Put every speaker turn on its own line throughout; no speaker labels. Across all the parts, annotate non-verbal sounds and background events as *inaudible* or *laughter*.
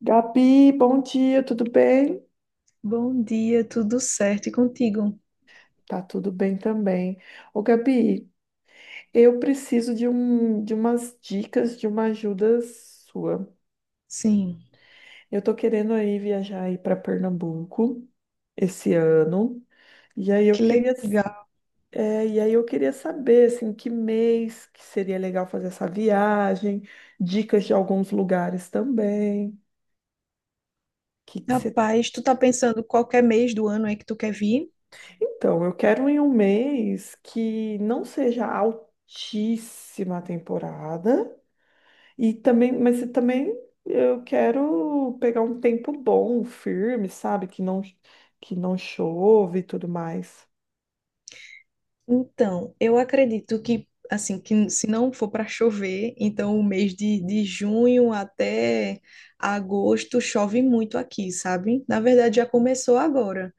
Gabi, bom dia, tudo bem?
Bom dia, tudo certo e contigo?
Tá tudo bem também. Ô, Gabi, eu preciso de umas dicas, de uma ajuda sua.
Sim,
Eu tô querendo aí viajar aí para Pernambuco esse ano, e aí eu
que
queria,
legal.
é, e aí eu queria saber assim, que mês que seria legal fazer essa viagem, dicas de alguns lugares também. O que que você...
Rapaz, tu tá pensando qualquer mês do ano é que tu quer vir?
Então, eu quero em um mês que não seja altíssima a temporada e também eu quero pegar um tempo bom, firme, sabe? Que não chove e tudo mais.
Então, eu acredito que, assim, que se não for para chover, então o mês de junho até agosto chove muito aqui, sabe? Na verdade, já começou agora.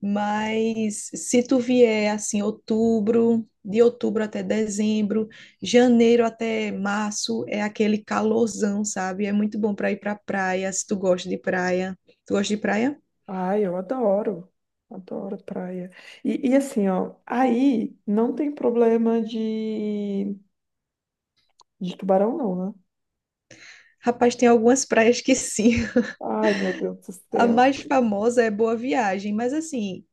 Mas se tu vier, assim, outubro, de outubro até dezembro, janeiro até março, é aquele calorzão, sabe? É muito bom para ir para praia, se tu gosta de praia. Tu gosta de praia?
Ai, eu adoro. Adoro praia. E assim, ó, aí não tem problema de tubarão não, né?
Rapaz, tem algumas *laughs* praias que sim.
Ai, meu Deus do
A
céu.
mais famosa é Boa Viagem, mas assim,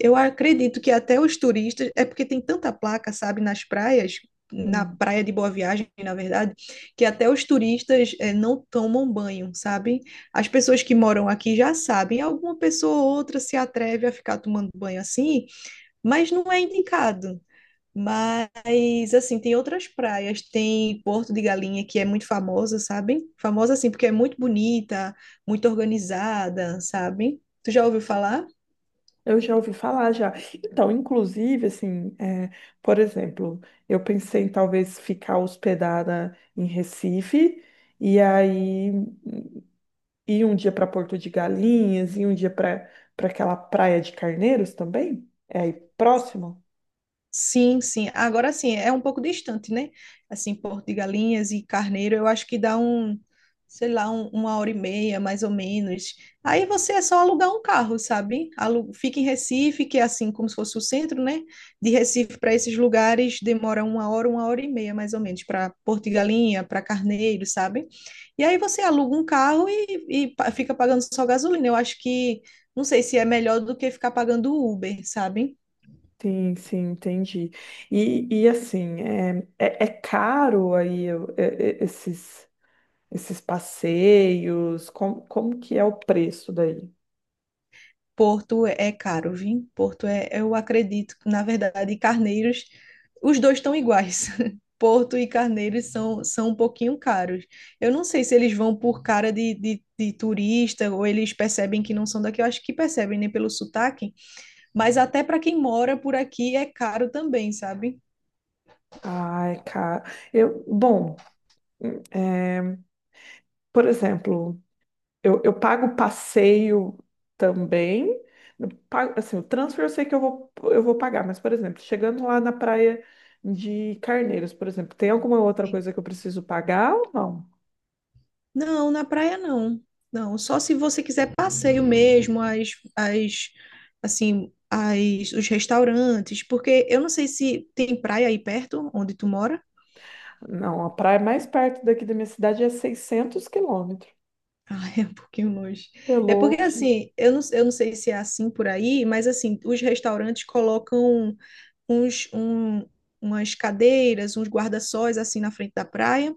eu acredito que até os turistas, é porque tem tanta placa, sabe, nas praias, na
Hum.
praia de Boa Viagem, na verdade, que até os turistas não tomam banho, sabe? As pessoas que moram aqui já sabem, alguma pessoa ou outra se atreve a ficar tomando banho assim, mas não é indicado. Mas, assim, tem outras praias, tem Porto de Galinha, que é muito famosa, sabe? Famosa, assim, porque é muito bonita, muito organizada, sabe? Tu já ouviu falar?
Eu já ouvi falar já. Então, inclusive, assim, é, por exemplo, eu pensei em talvez ficar hospedada em Recife e aí ir um dia para Porto de Galinhas e um dia para aquela praia de Carneiros também. É aí próximo?
Sim, sim. Agora sim, é um pouco distante, né? Assim, Porto de Galinhas e Carneiro, eu acho que dá um, sei lá, uma hora e meia, mais ou menos. Aí você é só alugar um carro, sabe? Fica em Recife, que é assim como se fosse o centro, né? De Recife para esses lugares demora uma hora e meia, mais ou menos, para Porto de Galinha, para Carneiro, sabe? E aí você aluga um carro e fica pagando só gasolina. Eu acho que, não sei se é melhor do que ficar pagando Uber, sabe?
Sim, sim, entendi. É caro aí esses passeios? Como que é o preço daí?
Porto é caro, viu? Porto é, eu acredito, na verdade, Carneiros, os dois estão iguais. *laughs* Porto e Carneiros são, são um pouquinho caros. Eu não sei se eles vão por cara de turista ou eles percebem que não são daqui. Eu acho que percebem, né, pelo sotaque. Mas até para quem mora por aqui é caro também, sabe?
Ah, é caro. Eu, bom. É. Por exemplo, eu pago passeio também. Assim, o transfer eu sei que eu vou pagar, mas, por exemplo, chegando lá na praia de Carneiros, por exemplo, tem alguma outra
Sim.
coisa que eu preciso pagar ou não?
Não, na praia não. Não, só se você quiser passeio mesmo, as, as os restaurantes, porque eu não sei se tem praia aí perto, onde tu mora.
Não, a praia mais perto daqui da minha cidade é 600 quilômetros.
Ah, *laughs* é um pouquinho longe.
É
É porque,
longe.
assim, eu não sei se é assim por aí, mas, assim, os restaurantes colocam uns, um, umas cadeiras, uns guarda-sóis assim na frente da praia.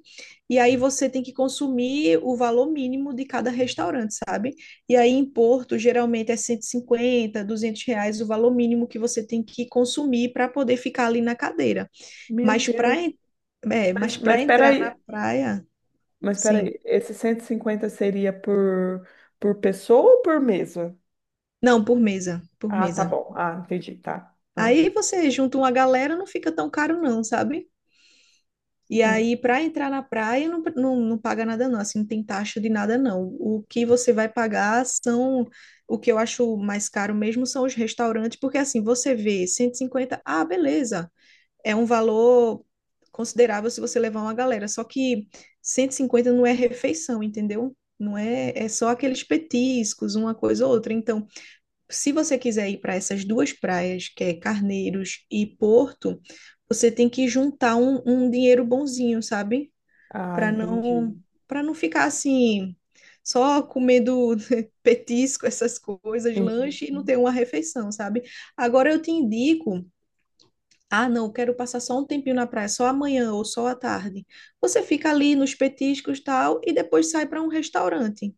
E aí você tem que consumir o valor mínimo de cada restaurante, sabe? E aí em Porto, geralmente é 150 200 reais o valor mínimo que você tem que consumir para poder ficar ali na cadeira.
Meu
Mas para
Deus.
en- É, mas para
Mas
entrar na
peraí,
praia,
mas,
sim.
peraí, esse 150 seria por pessoa ou por mesa?
Não, por mesa, por
Ah, tá
mesa.
bom. Ah, entendi, tá. Ah.
Aí você junta uma galera, não fica tão caro não, sabe? E aí, para entrar na praia, não paga nada, não. Assim, não tem taxa de nada, não. O que você vai pagar são. O que eu acho mais caro mesmo são os restaurantes, porque assim, você vê 150, ah, beleza. É um valor considerável se você levar uma galera. Só que 150 não é refeição, entendeu? Não é, é só aqueles petiscos, uma coisa ou outra. Então, se você quiser ir para essas duas praias, que é Carneiros e Porto, você tem que juntar um dinheiro bonzinho, sabe?
Ah,
Para não,
entendi.
para não ficar assim, só comendo *laughs* petisco, essas coisas, lanche e
Entendi.
não ter uma refeição, sabe? Agora eu te indico. Ah, não, quero passar só um tempinho na praia, só amanhã ou só à tarde. Você fica ali nos petiscos e tal, e depois sai para um restaurante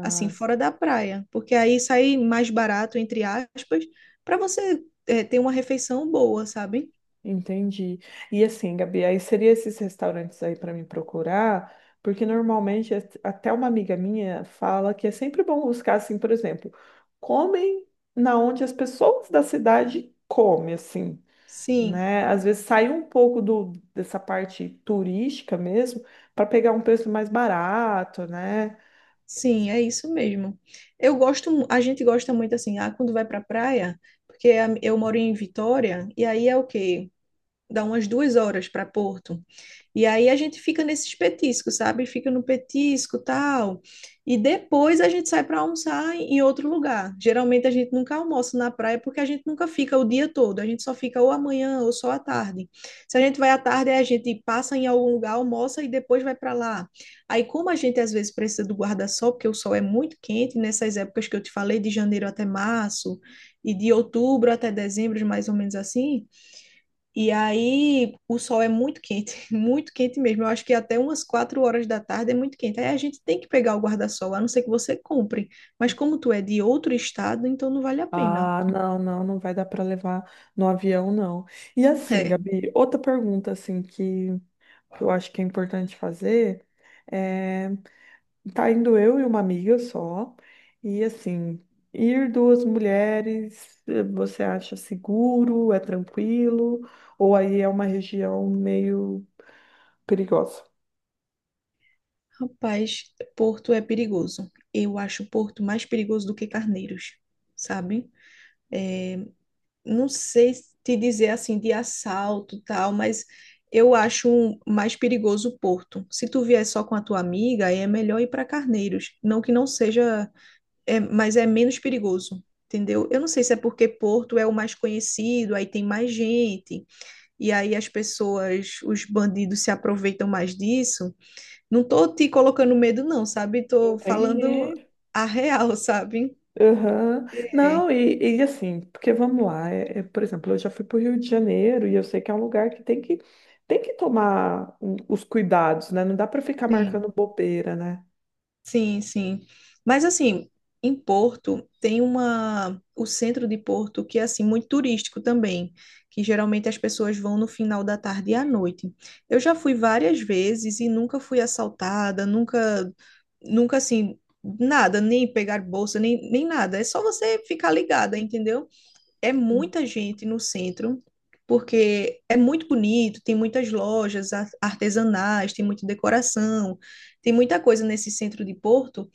assim, fora da praia, porque aí sai mais barato, entre aspas, para você é, ter uma refeição boa, sabe?
entendi. E assim, Gabi, aí seria esses restaurantes aí para me procurar, porque normalmente até uma amiga minha fala que é sempre bom buscar assim, por exemplo, comem na onde as pessoas da cidade comem, assim,
Sim,
né? Às vezes sair um pouco dessa parte turística mesmo para pegar um preço mais barato, né?
sim, é isso mesmo. Eu gosto, a gente gosta muito assim, ah, quando vai para praia, porque eu moro em Vitória, e aí é o quê? Dá umas 2 horas para Porto. E aí a gente fica nesses petiscos, sabe? Fica no petisco, tal. E depois a gente sai para almoçar em outro lugar. Geralmente a gente nunca almoça na praia porque a gente nunca fica o dia todo. A gente só fica ou amanhã ou só à tarde. Se a gente vai à tarde, aí a gente passa em algum lugar, almoça e depois vai para lá. Aí, como a gente às vezes precisa do guarda-sol, porque o sol é muito quente, nessas épocas que eu te falei, de janeiro até março e de outubro até dezembro, mais ou menos assim, e aí o sol é muito quente, *laughs* muito quente mesmo. Eu acho que até umas 4 horas da tarde é muito quente. Aí a gente tem que pegar o guarda-sol, a não ser que você compre. Mas como tu é de outro estado, então não vale a pena.
Ah, não, não, não vai dar para levar no avião, não. E assim,
É,
Gabi, outra pergunta assim que eu acho que é importante fazer é, tá indo eu e uma amiga só, e assim, ir duas mulheres, você acha seguro, é tranquilo, ou aí é uma região meio perigosa?
rapaz, Porto é perigoso. Eu acho Porto mais perigoso do que Carneiros, sabe? Não sei te dizer assim de assalto e tal, mas eu acho mais perigoso Porto. Se tu vier só com a tua amiga, aí é melhor ir para Carneiros. Não que não seja é, mas é menos perigoso, entendeu? Eu não sei se é porque Porto é o mais conhecido, aí tem mais gente, e aí as pessoas, os bandidos se aproveitam mais disso. Não tô te colocando medo, não, sabe? Tô falando
Entende?
a real, *laughs* sabe?
Aham.
É,
Não, e assim, porque vamos lá, por exemplo, eu já fui para o Rio de Janeiro e eu sei que é um lugar tem que tomar os cuidados, né? Não dá para ficar
sim.
marcando bobeira, né?
Sim, sim. Mas assim, em Porto tem uma o centro de Porto que é assim muito turístico também, que geralmente as pessoas vão no final da tarde e à noite. Eu já fui várias vezes e nunca fui assaltada, nunca nunca assim nada, nem pegar bolsa, nem nada. É só você ficar ligada, entendeu? É muita gente no centro, porque é muito bonito, tem muitas lojas artesanais, tem muita decoração, tem muita coisa nesse centro de Porto,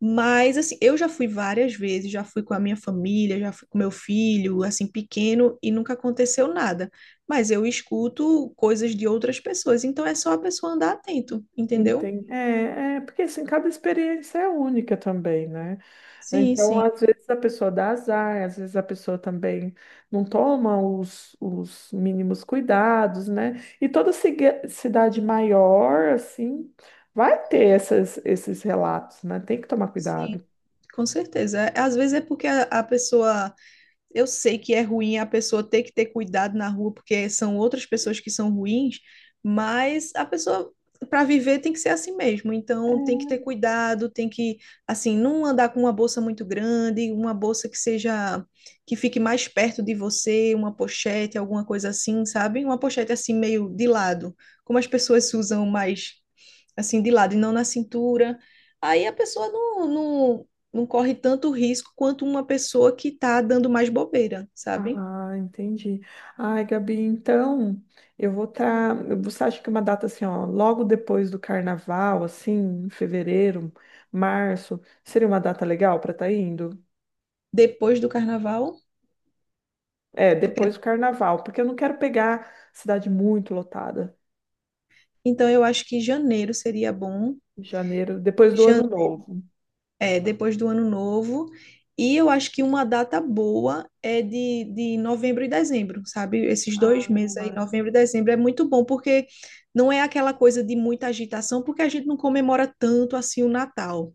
mas assim, eu já fui várias vezes, já fui com a minha família, já fui com meu filho, assim, pequeno, e nunca aconteceu nada. Mas eu escuto coisas de outras pessoas, então é só a pessoa andar atento, entendeu?
Entendi. Porque assim, cada experiência é única também, né?
Sim,
Então,
sim,
às vezes a pessoa dá azar, às vezes a pessoa também não toma os mínimos cuidados, né? E toda cidade maior, assim, vai ter esses relatos, né? Tem que tomar
sim.
cuidado.
Com certeza. Às vezes é porque a pessoa. Eu sei que é ruim a pessoa ter que ter cuidado na rua, porque são outras pessoas que são ruins, mas a pessoa, para viver, tem que ser assim mesmo. Então, tem que ter cuidado, tem que, assim, não andar com uma bolsa muito grande, uma bolsa que seja, que fique mais perto de você, uma pochete, alguma coisa assim, sabe? Uma pochete assim, meio de lado, como as pessoas usam mais assim, de lado e não na cintura. Aí a pessoa não corre tanto risco quanto uma pessoa que tá dando mais bobeira, sabe?
Ah, entendi. Ai, Gabi, então eu vou estar. Você acha que uma data assim, ó, logo depois do carnaval, assim, em fevereiro, março, seria uma data legal para estar indo?
Depois do carnaval,
É,
tu quer...
depois do carnaval, porque eu não quero pegar cidade muito lotada.
Então eu acho que janeiro seria bom,
Janeiro, depois do ano
jan...
novo.
é, depois do ano novo. E eu acho que uma data boa é de novembro e dezembro, sabe? Esses
Ah,
dois meses aí, novembro e dezembro, é muito bom, porque não é aquela coisa de muita agitação, porque a gente não comemora tanto assim o Natal.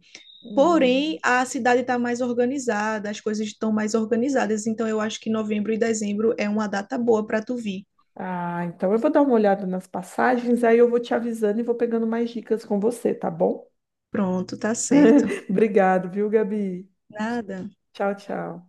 Porém,
hum.
a cidade está mais organizada, as coisas estão mais organizadas, então eu acho que novembro e dezembro é uma data boa para tu vir.
Ah, então eu vou dar uma olhada nas passagens, aí eu vou te avisando e vou pegando mais dicas com você, tá bom?
Pronto, tá certo.
*laughs* Obrigado, viu, Gabi?
Nada.
Tchau, tchau.